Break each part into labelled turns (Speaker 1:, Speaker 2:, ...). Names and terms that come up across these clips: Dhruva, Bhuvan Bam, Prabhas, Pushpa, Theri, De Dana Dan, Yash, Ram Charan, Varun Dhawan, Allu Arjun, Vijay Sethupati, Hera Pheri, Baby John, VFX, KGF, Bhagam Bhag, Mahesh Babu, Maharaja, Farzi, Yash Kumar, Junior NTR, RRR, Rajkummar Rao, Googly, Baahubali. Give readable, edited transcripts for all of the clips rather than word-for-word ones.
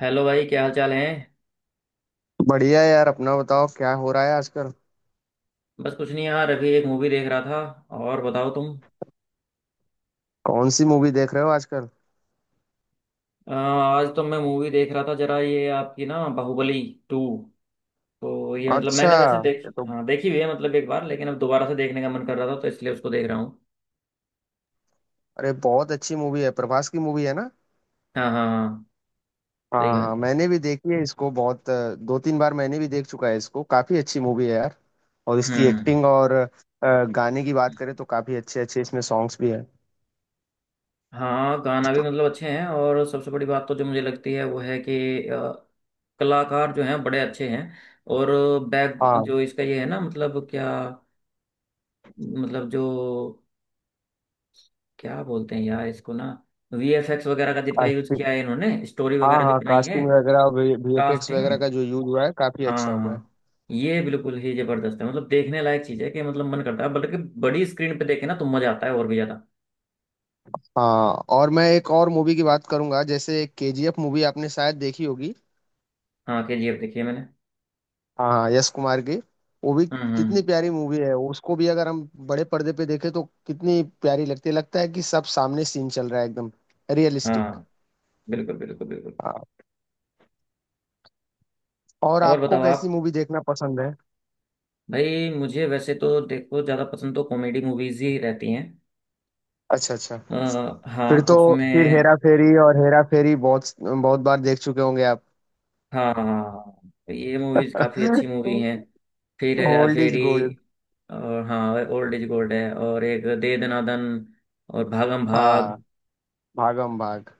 Speaker 1: Hello भाई, क्या हाल चाल है।
Speaker 2: बढ़िया है यार। अपना बताओ क्या हो रहा है आजकल।
Speaker 1: बस कुछ नहीं यार, अभी एक मूवी देख रहा था। और बताओ तुम।
Speaker 2: कौन सी मूवी देख रहे हो आजकल?
Speaker 1: आज तो मैं मूवी देख रहा था, जरा ये आपकी ना बाहुबली टू। तो ये मतलब
Speaker 2: अच्छा।
Speaker 1: मैंने वैसे
Speaker 2: ये
Speaker 1: देख
Speaker 2: तो,
Speaker 1: हाँ देखी हुई है मतलब एक बार, लेकिन अब दोबारा से देखने का मन कर रहा था तो इसलिए उसको देख रहा हूँ।
Speaker 2: अरे बहुत अच्छी मूवी है, प्रभास की मूवी है ना।
Speaker 1: हाँ, हाँ, हाँ। सही
Speaker 2: हाँ
Speaker 1: बात
Speaker 2: हाँ,
Speaker 1: है।
Speaker 2: मैंने भी देखी है इसको बहुत दो तीन बार मैंने भी देख चुका है इसको। काफी अच्छी मूवी है यार। और इसकी
Speaker 1: हम्म।
Speaker 2: एक्टिंग और गाने की बात करें तो काफी अच्छे अच्छे इसमें सॉन्ग्स भी हैं।
Speaker 1: हाँ, गाना भी मतलब अच्छे हैं, और सबसे बड़ी बात तो जो मुझे लगती है वो है कि कलाकार जो हैं बड़े अच्छे हैं। और बैक
Speaker 2: हाँ,
Speaker 1: जो इसका ये है ना, मतलब क्या, मतलब जो, क्या बोलते हैं यार इसको ना, वीएफएक्स वगैरह का जितना यूज
Speaker 2: कास्टिंग।
Speaker 1: किया है इन्होंने, स्टोरी
Speaker 2: हाँ
Speaker 1: वगैरह जो
Speaker 2: हाँ,
Speaker 1: बनाई है।
Speaker 2: कास्टिंग वगैरह। VFX
Speaker 1: casting. हाँ,
Speaker 2: वगैरह का जो यूज हुआ है काफी अच्छा
Speaker 1: हाँ,
Speaker 2: हुआ है।
Speaker 1: हाँ। ये बिल्कुल ही जबरदस्त है, मतलब देखने लायक चीज है कि, मतलब मन करता है, बल्कि बड़ी स्क्रीन पे देखे ना तो मजा आता है और भी ज्यादा।
Speaker 2: हाँ, और मैं एक और मूवी की बात करूंगा, जैसे केजीएफ मूवी आपने शायद देखी होगी।
Speaker 1: हाँ, केजीएफ देखी है मैंने।
Speaker 2: हाँ हाँ, यश कुमार की। वो भी
Speaker 1: हम्म,
Speaker 2: कितनी प्यारी मूवी है, उसको भी अगर हम बड़े पर्दे पे देखें तो कितनी प्यारी लगती है, लगता है कि सब सामने सीन चल रहा है एकदम रियलिस्टिक।
Speaker 1: हाँ, बिल्कुल बिल्कुल बिल्कुल।
Speaker 2: हाँ, और
Speaker 1: और
Speaker 2: आपको
Speaker 1: बताओ आप।
Speaker 2: कैसी मूवी देखना पसंद है?
Speaker 1: भाई मुझे वैसे तो देखो ज्यादा पसंद तो कॉमेडी मूवीज ही रहती हैं।
Speaker 2: अच्छा अच्छा।
Speaker 1: आ,
Speaker 2: फिर
Speaker 1: हाँ
Speaker 2: तो, फिर
Speaker 1: उसमें।
Speaker 2: हेरा फेरी और हेरा फेरी बहुत बहुत बार देख चुके होंगे आप।
Speaker 1: हाँ, हाँ, हाँ। तो ये मूवीज काफी अच्छी मूवी हैं। फिर Hera
Speaker 2: old is
Speaker 1: Pheri.
Speaker 2: Gold.
Speaker 1: और हाँ, ओल्ड इज गोल्ड है, और एक दे दना दन और भागम
Speaker 2: हाँ,
Speaker 1: भाग।
Speaker 2: भागम भाग।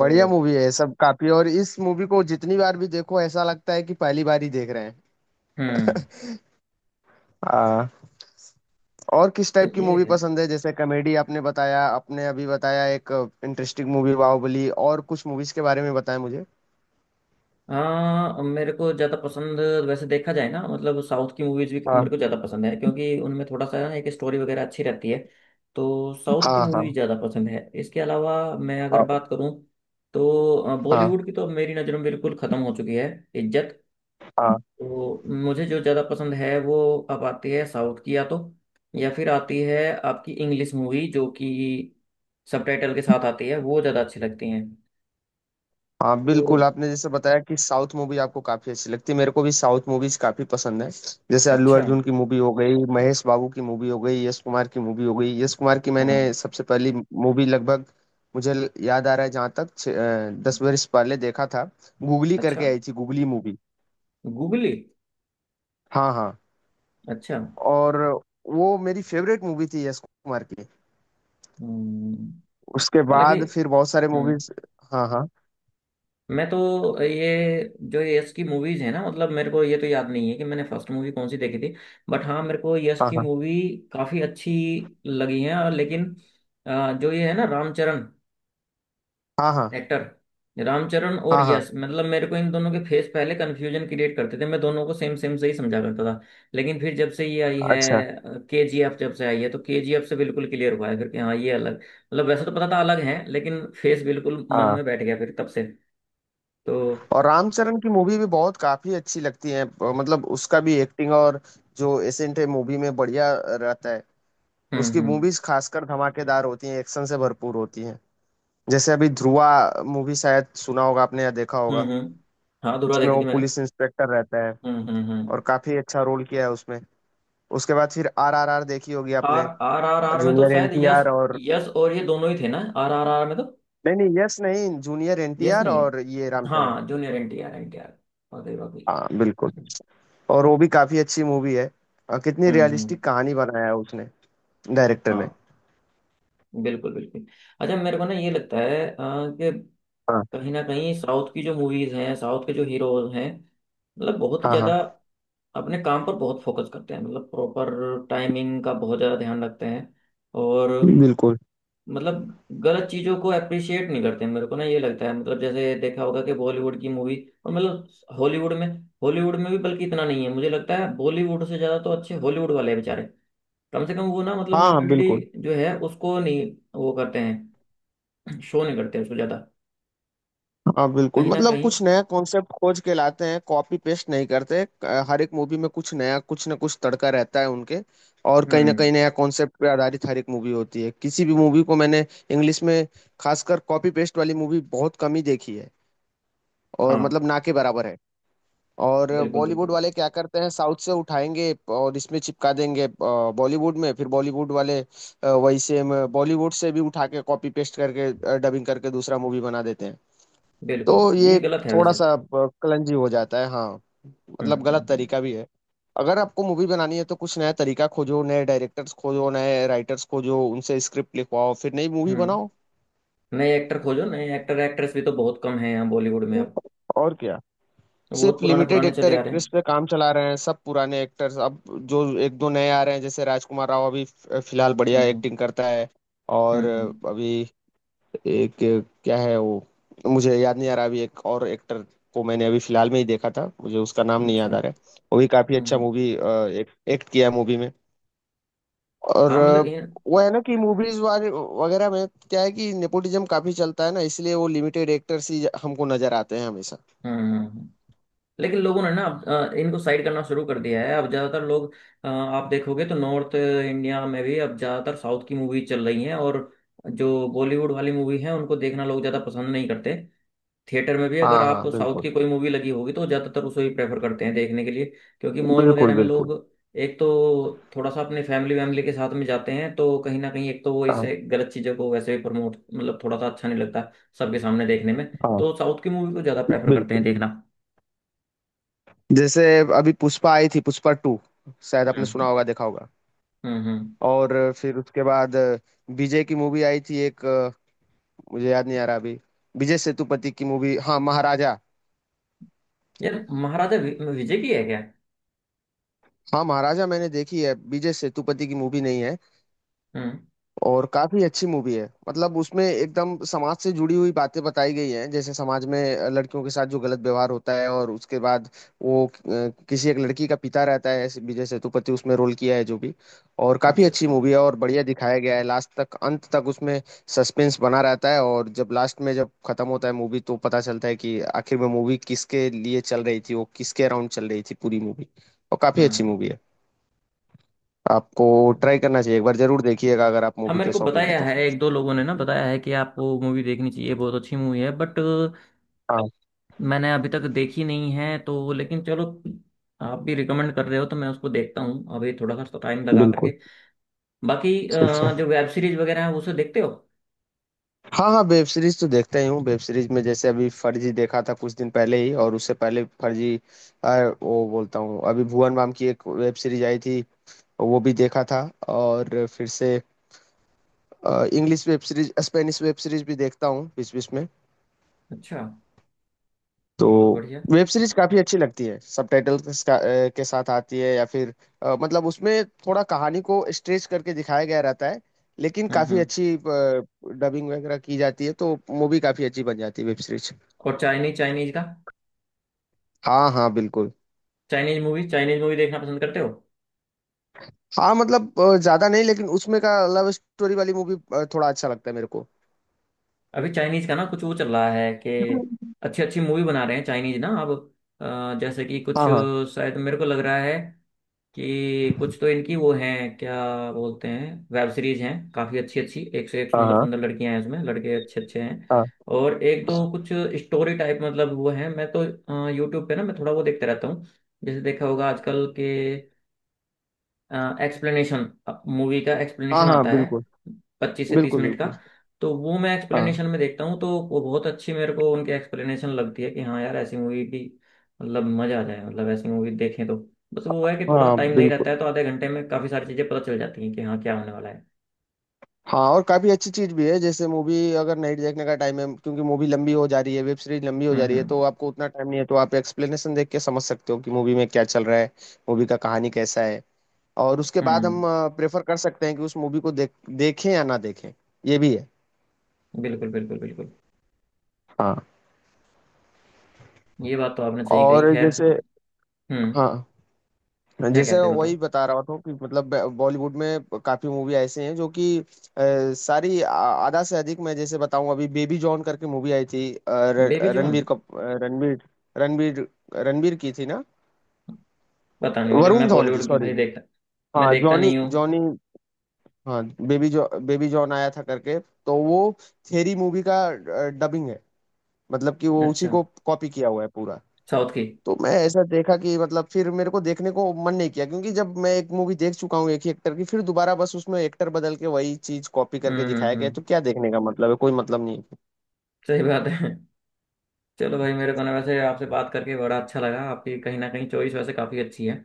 Speaker 2: बढ़िया मूवी है सब काफी, और इस मूवी को जितनी बार भी देखो ऐसा लगता है कि पहली बार ही देख रहे
Speaker 1: हम्म।
Speaker 2: हैं। हाँ। और किस
Speaker 1: तो
Speaker 2: टाइप की
Speaker 1: ये
Speaker 2: मूवी
Speaker 1: है।
Speaker 2: पसंद है? जैसे कॉमेडी आपने बताया, आपने अभी बताया एक इंटरेस्टिंग मूवी बाहुबली और कुछ मूवीज के बारे में बताया मुझे।
Speaker 1: हाँ मेरे को ज़्यादा पसंद, वैसे देखा जाए ना, मतलब साउथ की मूवीज भी
Speaker 2: हाँ,
Speaker 1: मेरे को ज़्यादा पसंद है क्योंकि उनमें थोड़ा सा ना एक स्टोरी वगैरह अच्छी रहती है। तो साउथ की
Speaker 2: हाँ,
Speaker 1: मूवी
Speaker 2: हाँ,
Speaker 1: ज़्यादा पसंद है, इसके अलावा मैं अगर
Speaker 2: हाँ,
Speaker 1: बात करूँ तो
Speaker 2: हाँ,
Speaker 1: बॉलीवुड की तो अब मेरी नज़र में बिल्कुल ख़त्म हो चुकी है इज्जत।
Speaker 2: हाँ।
Speaker 1: तो मुझे जो ज़्यादा पसंद है वो अब आती है साउथ की, या तो, या फिर आती है आपकी इंग्लिश मूवी जो कि सबटाइटल के साथ आती है, वो ज़्यादा अच्छी लगती हैं।
Speaker 2: हाँ
Speaker 1: तो
Speaker 2: बिल्कुल, आपने जैसे बताया कि साउथ मूवी आपको काफी अच्छी लगती है। मेरे को भी साउथ मूवीज काफी पसंद है। जैसे अल्लू
Speaker 1: अच्छा।
Speaker 2: अर्जुन की मूवी हो गई, महेश बाबू की मूवी हो गई, यश कुमार की मूवी हो गई। यश कुमार की मैंने
Speaker 1: हाँ।
Speaker 2: सबसे पहली मूवी लगभग याद आ रहा है, जहाँ तक दस बरस पहले देखा था। गूगली
Speaker 1: अच्छा।
Speaker 2: करके आई थी गूगली मूवी।
Speaker 1: गूगली।
Speaker 2: हाँ हाँ।
Speaker 1: अच्छा।
Speaker 2: और वो मेरी फेवरेट मूवी थी यश कुमार की।
Speaker 1: हम्म।
Speaker 2: उसके
Speaker 1: हालांकि।
Speaker 2: बाद फिर बहुत सारे
Speaker 1: हम्म।
Speaker 2: मूवीज। हाँ, हाँ,
Speaker 1: मैं तो, ये, जो ये यश की मूवीज़ है ना, मतलब मेरे को ये तो याद नहीं है कि मैंने फर्स्ट मूवी कौन सी देखी थी, बट हाँ मेरे को यश
Speaker 2: हाँ,
Speaker 1: की
Speaker 2: हाँ,
Speaker 1: मूवी काफ़ी अच्छी लगी है। और लेकिन जो ये है ना रामचरण,
Speaker 2: हाँ, हाँ,
Speaker 1: एक्टर रामचरण और
Speaker 2: हाँ, हाँ,
Speaker 1: यश, मतलब मेरे को इन दोनों के फेस पहले कंफ्यूजन क्रिएट करते थे, मैं दोनों को सेम सेम से ही समझा करता था। लेकिन फिर जब से ये आई है
Speaker 2: अच्छा,
Speaker 1: केजीएफ, जब से आई है तो केजीएफ से बिल्कुल क्लियर हुआ है फिर कि हाँ ये अलग, मतलब वैसे तो पता था अलग है, लेकिन फेस बिल्कुल मन
Speaker 2: हाँ।
Speaker 1: में बैठ गया फिर तब से। तो
Speaker 2: और रामचरण की मूवी भी बहुत काफी अच्छी लगती है, मतलब उसका भी एक्टिंग और जो एसेंट है मूवी में बढ़िया रहता है।
Speaker 1: हम्म,
Speaker 2: उसकी
Speaker 1: हम्म,
Speaker 2: मूवीज खासकर धमाकेदार होती हैं, एक्शन से भरपूर होती हैं। जैसे अभी ध्रुवा मूवी शायद सुना होगा आपने या देखा
Speaker 1: हम्म,
Speaker 2: होगा।
Speaker 1: हम्म। हाँ धुरा
Speaker 2: इसमें
Speaker 1: देखी
Speaker 2: वो
Speaker 1: थी मैंने।
Speaker 2: पुलिस इंस्पेक्टर रहता है
Speaker 1: हम्म, हम्म, हम्म।
Speaker 2: और काफी अच्छा रोल किया है उसमें। उसके बाद फिर आर आर आर देखी होगी
Speaker 1: आर
Speaker 2: आपने।
Speaker 1: आर आर, आर में तो
Speaker 2: जूनियर
Speaker 1: शायद यश,
Speaker 2: एनटीआर और
Speaker 1: यश और ये दोनों ही थे ना आर आर आर में। तो
Speaker 2: नहीं नहीं, यस नहीं, जूनियर
Speaker 1: यश
Speaker 2: एनटीआर
Speaker 1: नहीं है।
Speaker 2: और ये रामचरण।
Speaker 1: हाँ, जूनियर एन टी आर, एन टी आर। और
Speaker 2: हाँ बिल्कुल। और वो भी काफी अच्छी मूवी है। कितनी
Speaker 1: हम्म, हम्म।
Speaker 2: रियलिस्टिक कहानी बनाया है उसने, डायरेक्टर ने।
Speaker 1: हाँ, बिल्कुल बिल्कुल। अच्छा, मेरे को ना ये लगता है कि
Speaker 2: हाँ
Speaker 1: कहीं ना कहीं साउथ की जो मूवीज हैं, साउथ के जो हीरोज हैं, मतलब बहुत ही
Speaker 2: हाँ हाँ
Speaker 1: ज्यादा अपने काम पर बहुत फोकस करते हैं, मतलब प्रॉपर टाइमिंग का बहुत ज्यादा ध्यान रखते हैं। और
Speaker 2: बिल्कुल।
Speaker 1: मतलब गलत चीजों को अप्रिशिएट नहीं करते हैं। मेरे को ना ये लगता है, मतलब जैसे देखा होगा कि बॉलीवुड की मूवी और मतलब हॉलीवुड में, हॉलीवुड में भी बल्कि इतना नहीं है, मुझे लगता है बॉलीवुड से ज्यादा तो अच्छे हॉलीवुड वाले हैं बेचारे। कम से कम वो ना, मतलब
Speaker 2: हाँ
Speaker 1: न्यूडिटी
Speaker 2: बिल्कुल।
Speaker 1: जो है उसको नहीं वो करते हैं, शो नहीं करते उसको ज्यादा।
Speaker 2: हाँ बिल्कुल।
Speaker 1: कहीं ना
Speaker 2: मतलब
Speaker 1: कहीं।
Speaker 2: कुछ नया कॉन्सेप्ट खोज के लाते हैं, कॉपी पेस्ट नहीं करते। हर एक मूवी में कुछ नया, कुछ ना कुछ तड़का रहता है उनके। और कहीं ना
Speaker 1: हम्म।
Speaker 2: कहीं नया कॉन्सेप्ट पे आधारित हर एक मूवी होती है। किसी भी मूवी को मैंने इंग्लिश में खासकर कॉपी पेस्ट वाली मूवी बहुत कम ही देखी है, और
Speaker 1: हाँ,
Speaker 2: मतलब ना के बराबर है। और
Speaker 1: बिल्कुल
Speaker 2: बॉलीवुड
Speaker 1: बिल्कुल
Speaker 2: वाले क्या करते हैं, साउथ से उठाएंगे और इसमें चिपका देंगे। बॉलीवुड में, फिर बॉलीवुड वाले वही सेम बॉलीवुड से भी उठा के कॉपी पेस्ट करके डबिंग करके दूसरा मूवी बना देते हैं।
Speaker 1: बिल्कुल,
Speaker 2: तो
Speaker 1: ये
Speaker 2: ये
Speaker 1: गलत है
Speaker 2: थोड़ा
Speaker 1: वैसे।
Speaker 2: सा कलंजी हो जाता है, हाँ।
Speaker 1: हम्म,
Speaker 2: मतलब
Speaker 1: हम्म,
Speaker 2: गलत
Speaker 1: हम्म,
Speaker 2: तरीका भी है। अगर आपको मूवी बनानी है तो कुछ नया तरीका खोजो, नए डायरेक्टर्स खोजो, नए राइटर्स खोजो, उनसे स्क्रिप्ट लिखवाओ, फिर नई मूवी बनाओ।
Speaker 1: हम्म। नए एक्टर खोजो, नए एक्टर एक्ट्रेस भी तो बहुत कम है यहाँ बॉलीवुड में अब,
Speaker 2: और क्या,
Speaker 1: तो बहुत
Speaker 2: सिर्फ
Speaker 1: पुराने
Speaker 2: लिमिटेड
Speaker 1: पुराने
Speaker 2: एक्टर
Speaker 1: चले आ रहे हैं।
Speaker 2: एक्ट्रेस पे काम चला रहे हैं सब पुराने एक्टर्स अब। जो एक दो नए आ रहे हैं जैसे राजकुमार राव, अभी फिलहाल
Speaker 1: हम्म,
Speaker 2: बढ़िया
Speaker 1: हम्म,
Speaker 2: एक्टिंग करता है। और
Speaker 1: हम्म,
Speaker 2: अभी एक, क्या है वो, मुझे याद नहीं आ रहा। अभी एक और एक्टर को मैंने अभी फिलहाल में ही देखा था, मुझे उसका नाम नहीं
Speaker 1: अच्छा,
Speaker 2: याद आ रहा
Speaker 1: हम्म,
Speaker 2: है। वो भी काफी अच्छा
Speaker 1: हम्म।
Speaker 2: मूवी एक्ट किया मूवी में। और
Speaker 1: हाँ मतलब इन।
Speaker 2: वो है ना कि मूवीज वगैरह में क्या है कि नेपोटिज्म काफी चलता है ना, इसलिए वो लिमिटेड एक्टर्स ही हमको नजर आते हैं हमेशा।
Speaker 1: हम्म, हम्म, हम्म, लेकिन लोगों ने ना अब इनको साइड करना शुरू कर दिया है, अब ज्यादातर लोग आप देखोगे तो नॉर्थ इंडिया में भी अब ज्यादातर साउथ की मूवी चल रही है। और जो बॉलीवुड वाली मूवी है उनको देखना लोग ज्यादा पसंद नहीं करते। थिएटर में भी अगर
Speaker 2: हाँ
Speaker 1: आप
Speaker 2: हाँ,
Speaker 1: साउथ
Speaker 2: बिल्कुल
Speaker 1: की कोई मूवी लगी होगी तो ज़्यादातर उसको ही प्रेफर करते हैं देखने के लिए, क्योंकि मॉल
Speaker 2: बिल्कुल
Speaker 1: वगैरह में
Speaker 2: बिल्कुल।
Speaker 1: लोग, एक तो थोड़ा सा अपने फैमिली वैमिली के साथ में जाते हैं, तो कहीं ना कहीं एक तो वो इसे, गलत चीज़ों को वैसे भी प्रमोट, मतलब थोड़ा सा अच्छा नहीं लगता सबके सामने देखने में।
Speaker 2: हाँ
Speaker 1: तो साउथ की मूवी को ज़्यादा प्रेफर करते हैं
Speaker 2: बिल्कुल।
Speaker 1: देखना।
Speaker 2: जैसे अभी पुष्पा आई थी, पुष्पा टू, शायद आपने सुना
Speaker 1: हम्म,
Speaker 2: होगा, देखा होगा।
Speaker 1: हम्म, हम्म।
Speaker 2: और फिर उसके बाद विजय की मूवी आई थी एक, मुझे याद नहीं आ रहा अभी। विजय सेतुपति की मूवी, हाँ, महाराजा।
Speaker 1: यार महाराजा विजय की है क्या?
Speaker 2: हाँ, महाराजा मैंने देखी है, विजय सेतुपति की मूवी नहीं है।
Speaker 1: हम्म।
Speaker 2: और काफी अच्छी मूवी है, मतलब उसमें एकदम समाज से जुड़ी हुई बातें बताई गई हैं, जैसे समाज में लड़कियों के साथ जो गलत व्यवहार होता है। और उसके बाद वो किसी एक लड़की का पिता रहता है ऐसे, विजय सेतुपति उसमें रोल किया है जो भी। और काफी
Speaker 1: अच्छा,
Speaker 2: अच्छी
Speaker 1: अच्छा।
Speaker 2: मूवी है, और बढ़िया दिखाया गया है। लास्ट तक, अंत तक उसमें सस्पेंस बना रहता है, और जब लास्ट में जब खत्म होता है मूवी तो पता चलता है कि आखिर में मूवी किसके लिए चल रही थी, वो किसके अराउंड चल रही थी पूरी मूवी। और काफी अच्छी
Speaker 1: हम्म,
Speaker 2: मूवी है। आपको
Speaker 1: हम्म।
Speaker 2: ट्राई करना चाहिए, एक बार जरूर देखिएगा अगर आप
Speaker 1: हाँ
Speaker 2: मूवी
Speaker 1: मेरे
Speaker 2: के
Speaker 1: को
Speaker 2: शौकीन हैं।
Speaker 1: बताया है, एक दो लोगों ने ना बताया है कि आपको मूवी देखनी चाहिए बहुत अच्छी मूवी है, बट
Speaker 2: तो
Speaker 1: मैंने अभी तक देखी नहीं है। तो लेकिन चलो, आप भी रिकमेंड कर रहे हो तो मैं उसको देखता हूँ अभी थोड़ा सा टाइम लगा करके।
Speaker 2: बिल्कुल,
Speaker 1: बाकी
Speaker 2: सही कहा।
Speaker 1: जो वेब सीरीज वगैरह है उसे देखते हो?
Speaker 2: हाँ, हाँ, वेब सीरीज़ तो देखता ही हूँ। वेब सीरीज़ में जैसे अभी फर्जी देखा था कुछ दिन पहले ही, और उससे पहले फर्जी, अ, वो बोलता हूँ, अभी भुवन बाम की एक वेब सीरीज़ आई थी, वो भी देखा था। और फिर से English web series, Spanish web series भी देखता हूँ बीच-बीच में।
Speaker 1: अच्छा।
Speaker 2: तो
Speaker 1: बहुत बढ़िया।
Speaker 2: वेब सीरीज काफी अच्छी लगती है, सबटाइटल के के साथ आती है, या फिर मतलब उसमें थोड़ा कहानी को स्ट्रेच करके दिखाया गया रहता है, लेकिन
Speaker 1: हम्म,
Speaker 2: काफी
Speaker 1: हम्म।
Speaker 2: अच्छी डबिंग वगैरह की जाती है तो मूवी काफी अच्छी बन जाती है, वेब सीरीज।
Speaker 1: और चाइनीज, चाइनीज का,
Speaker 2: हाँ हाँ बिल्कुल।
Speaker 1: चाइनीज मूवी, चाइनीज मूवी देखना पसंद करते हो?
Speaker 2: हाँ मतलब ज्यादा नहीं, लेकिन उसमें का लव स्टोरी वाली मूवी थोड़ा अच्छा लगता है मेरे को।
Speaker 1: अभी चाइनीज का ना कुछ वो चल रहा है कि अच्छी अच्छी मूवी बना रहे हैं चाइनीज ना अब, जैसे कि कुछ,
Speaker 2: हाँ, हाँ,
Speaker 1: शायद मेरे को लग रहा है कि कुछ तो इनकी वो हैं, क्या बोलते हैं, वेब सीरीज हैं काफ़ी अच्छी अच्छी, एक से एक
Speaker 2: हाँ,
Speaker 1: सुंदर
Speaker 2: हाँ,
Speaker 1: सुंदर लड़कियां हैं इसमें, लड़के अच्छे अच्छे हैं।
Speaker 2: हाँ,
Speaker 1: और एक दो कुछ स्टोरी टाइप, मतलब वो हैं, मैं तो यूट्यूब पे ना मैं थोड़ा वो देखता रहता हूँ। जैसे देखा होगा आजकल के एक्सप्लेनेशन, मूवी का
Speaker 2: हाँ,
Speaker 1: एक्सप्लेनेशन
Speaker 2: हाँ
Speaker 1: आता है,
Speaker 2: बिल्कुल
Speaker 1: पच्चीस से तीस
Speaker 2: बिल्कुल
Speaker 1: मिनट का,
Speaker 2: बिल्कुल।
Speaker 1: तो वो मैं
Speaker 2: हाँ
Speaker 1: एक्सप्लेनेशन में देखता हूँ, तो वो बहुत अच्छी मेरे को उनकी एक्सप्लेनेशन लगती है कि हाँ यार, ऐसी मूवी भी, मतलब मजा आ जाए मतलब ऐसी मूवी देखें तो। बस वो है कि थोड़ा
Speaker 2: हाँ
Speaker 1: टाइम नहीं
Speaker 2: बिल्कुल।
Speaker 1: रहता है, तो आधे घंटे में काफी सारी चीजें पता चल जाती हैं कि हाँ क्या होने वाला है।
Speaker 2: हाँ। और काफी अच्छी चीज भी है। जैसे मूवी अगर नहीं देखने का टाइम है, क्योंकि मूवी लंबी हो जा रही है, वेब सीरीज लंबी हो
Speaker 1: हम्म,
Speaker 2: जा रही है,
Speaker 1: हम्म,
Speaker 2: तो आपको उतना टाइम नहीं है, तो आप एक्सप्लेनेशन देख के समझ सकते हो कि मूवी में क्या चल रहा है, मूवी का कहानी कैसा है। और उसके बाद हम
Speaker 1: हम्म,
Speaker 2: प्रेफर कर सकते हैं कि उस मूवी को देख देखें या ना देखें, ये भी है।
Speaker 1: बिल्कुल बिल्कुल बिल्कुल।
Speaker 2: हाँ।
Speaker 1: ये बात तो आपने सही कही,
Speaker 2: और
Speaker 1: खैर।
Speaker 2: जैसे,
Speaker 1: हम्म।
Speaker 2: हाँ,
Speaker 1: क्या
Speaker 2: जैसे
Speaker 1: कहते हैं
Speaker 2: वही
Speaker 1: बताओ।
Speaker 2: बता रहा था कि मतलब बॉलीवुड में काफी मूवी ऐसे हैं जो कि अ, सारी आ- आधा से अधिक, मैं जैसे बताऊं, अभी बेबी जॉन करके मूवी आई थी। अ, र-
Speaker 1: बेबी जॉन?
Speaker 2: रणबीर कप अ, रणबीर रणबीर रणबीर की थी ना?
Speaker 1: पता नहीं मुझे,
Speaker 2: वरुण
Speaker 1: मैं
Speaker 2: धवन की,
Speaker 1: बॉलीवुड की
Speaker 2: सॉरी।
Speaker 1: भाई देखता, मैं
Speaker 2: हाँ,
Speaker 1: देखता
Speaker 2: जॉनी
Speaker 1: नहीं हूँ।
Speaker 2: जॉनी, हाँ, बेबी जॉन आया था करके। तो वो थेरी मूवी का डबिंग है, मतलब कि वो उसी
Speaker 1: अच्छा।
Speaker 2: को कॉपी किया हुआ है पूरा।
Speaker 1: साउथ की।
Speaker 2: तो मैं ऐसा देखा कि मतलब फिर मेरे को देखने को मन नहीं किया, क्योंकि जब मैं एक मूवी देख चुका हूँ एक ही एक्टर की, फिर दोबारा बस उसमें एक्टर बदल के वही चीज कॉपी
Speaker 1: हम्म,
Speaker 2: करके
Speaker 1: हम्म,
Speaker 2: दिखाया गया है, तो क्या देखने का मतलब है, कोई मतलब नहीं है।
Speaker 1: सही बात है। चलो भाई, मेरे को ना वैसे आपसे बात करके बड़ा अच्छा लगा, आपकी कहीं ना कहीं चॉइस वैसे काफ़ी अच्छी है,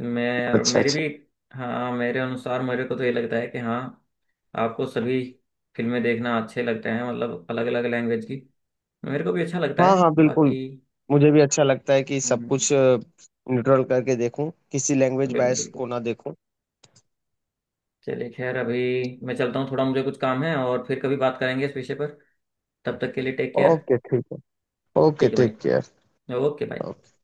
Speaker 1: मैं और
Speaker 2: अच्छा
Speaker 1: मेरी
Speaker 2: अच्छा।
Speaker 1: भी, हाँ मेरे अनुसार मेरे को तो ये लगता है कि हाँ आपको सभी फिल्में देखना अच्छे लगते हैं, मतलब अलग अलग लैंग्वेज की। मेरे को भी अच्छा लगता
Speaker 2: हाँ
Speaker 1: है
Speaker 2: हाँ बिल्कुल,
Speaker 1: बाकी।
Speaker 2: मुझे भी अच्छा लगता है कि सब
Speaker 1: हम्म,
Speaker 2: कुछ न्यूट्रल करके देखूं, किसी लैंग्वेज
Speaker 1: बिल्कुल
Speaker 2: बायस को
Speaker 1: बिल्कुल।
Speaker 2: ना देखूं।
Speaker 1: चलिए खैर, अभी मैं चलता हूँ थोड़ा, मुझे कुछ काम है, और फिर कभी बात करेंगे इस विषय पर। तब तक के लिए टेक केयर।
Speaker 2: ओके ठीक है। ओके,
Speaker 1: ठीक है
Speaker 2: टेक
Speaker 1: भाई।
Speaker 2: केयर।
Speaker 1: ओके भाई।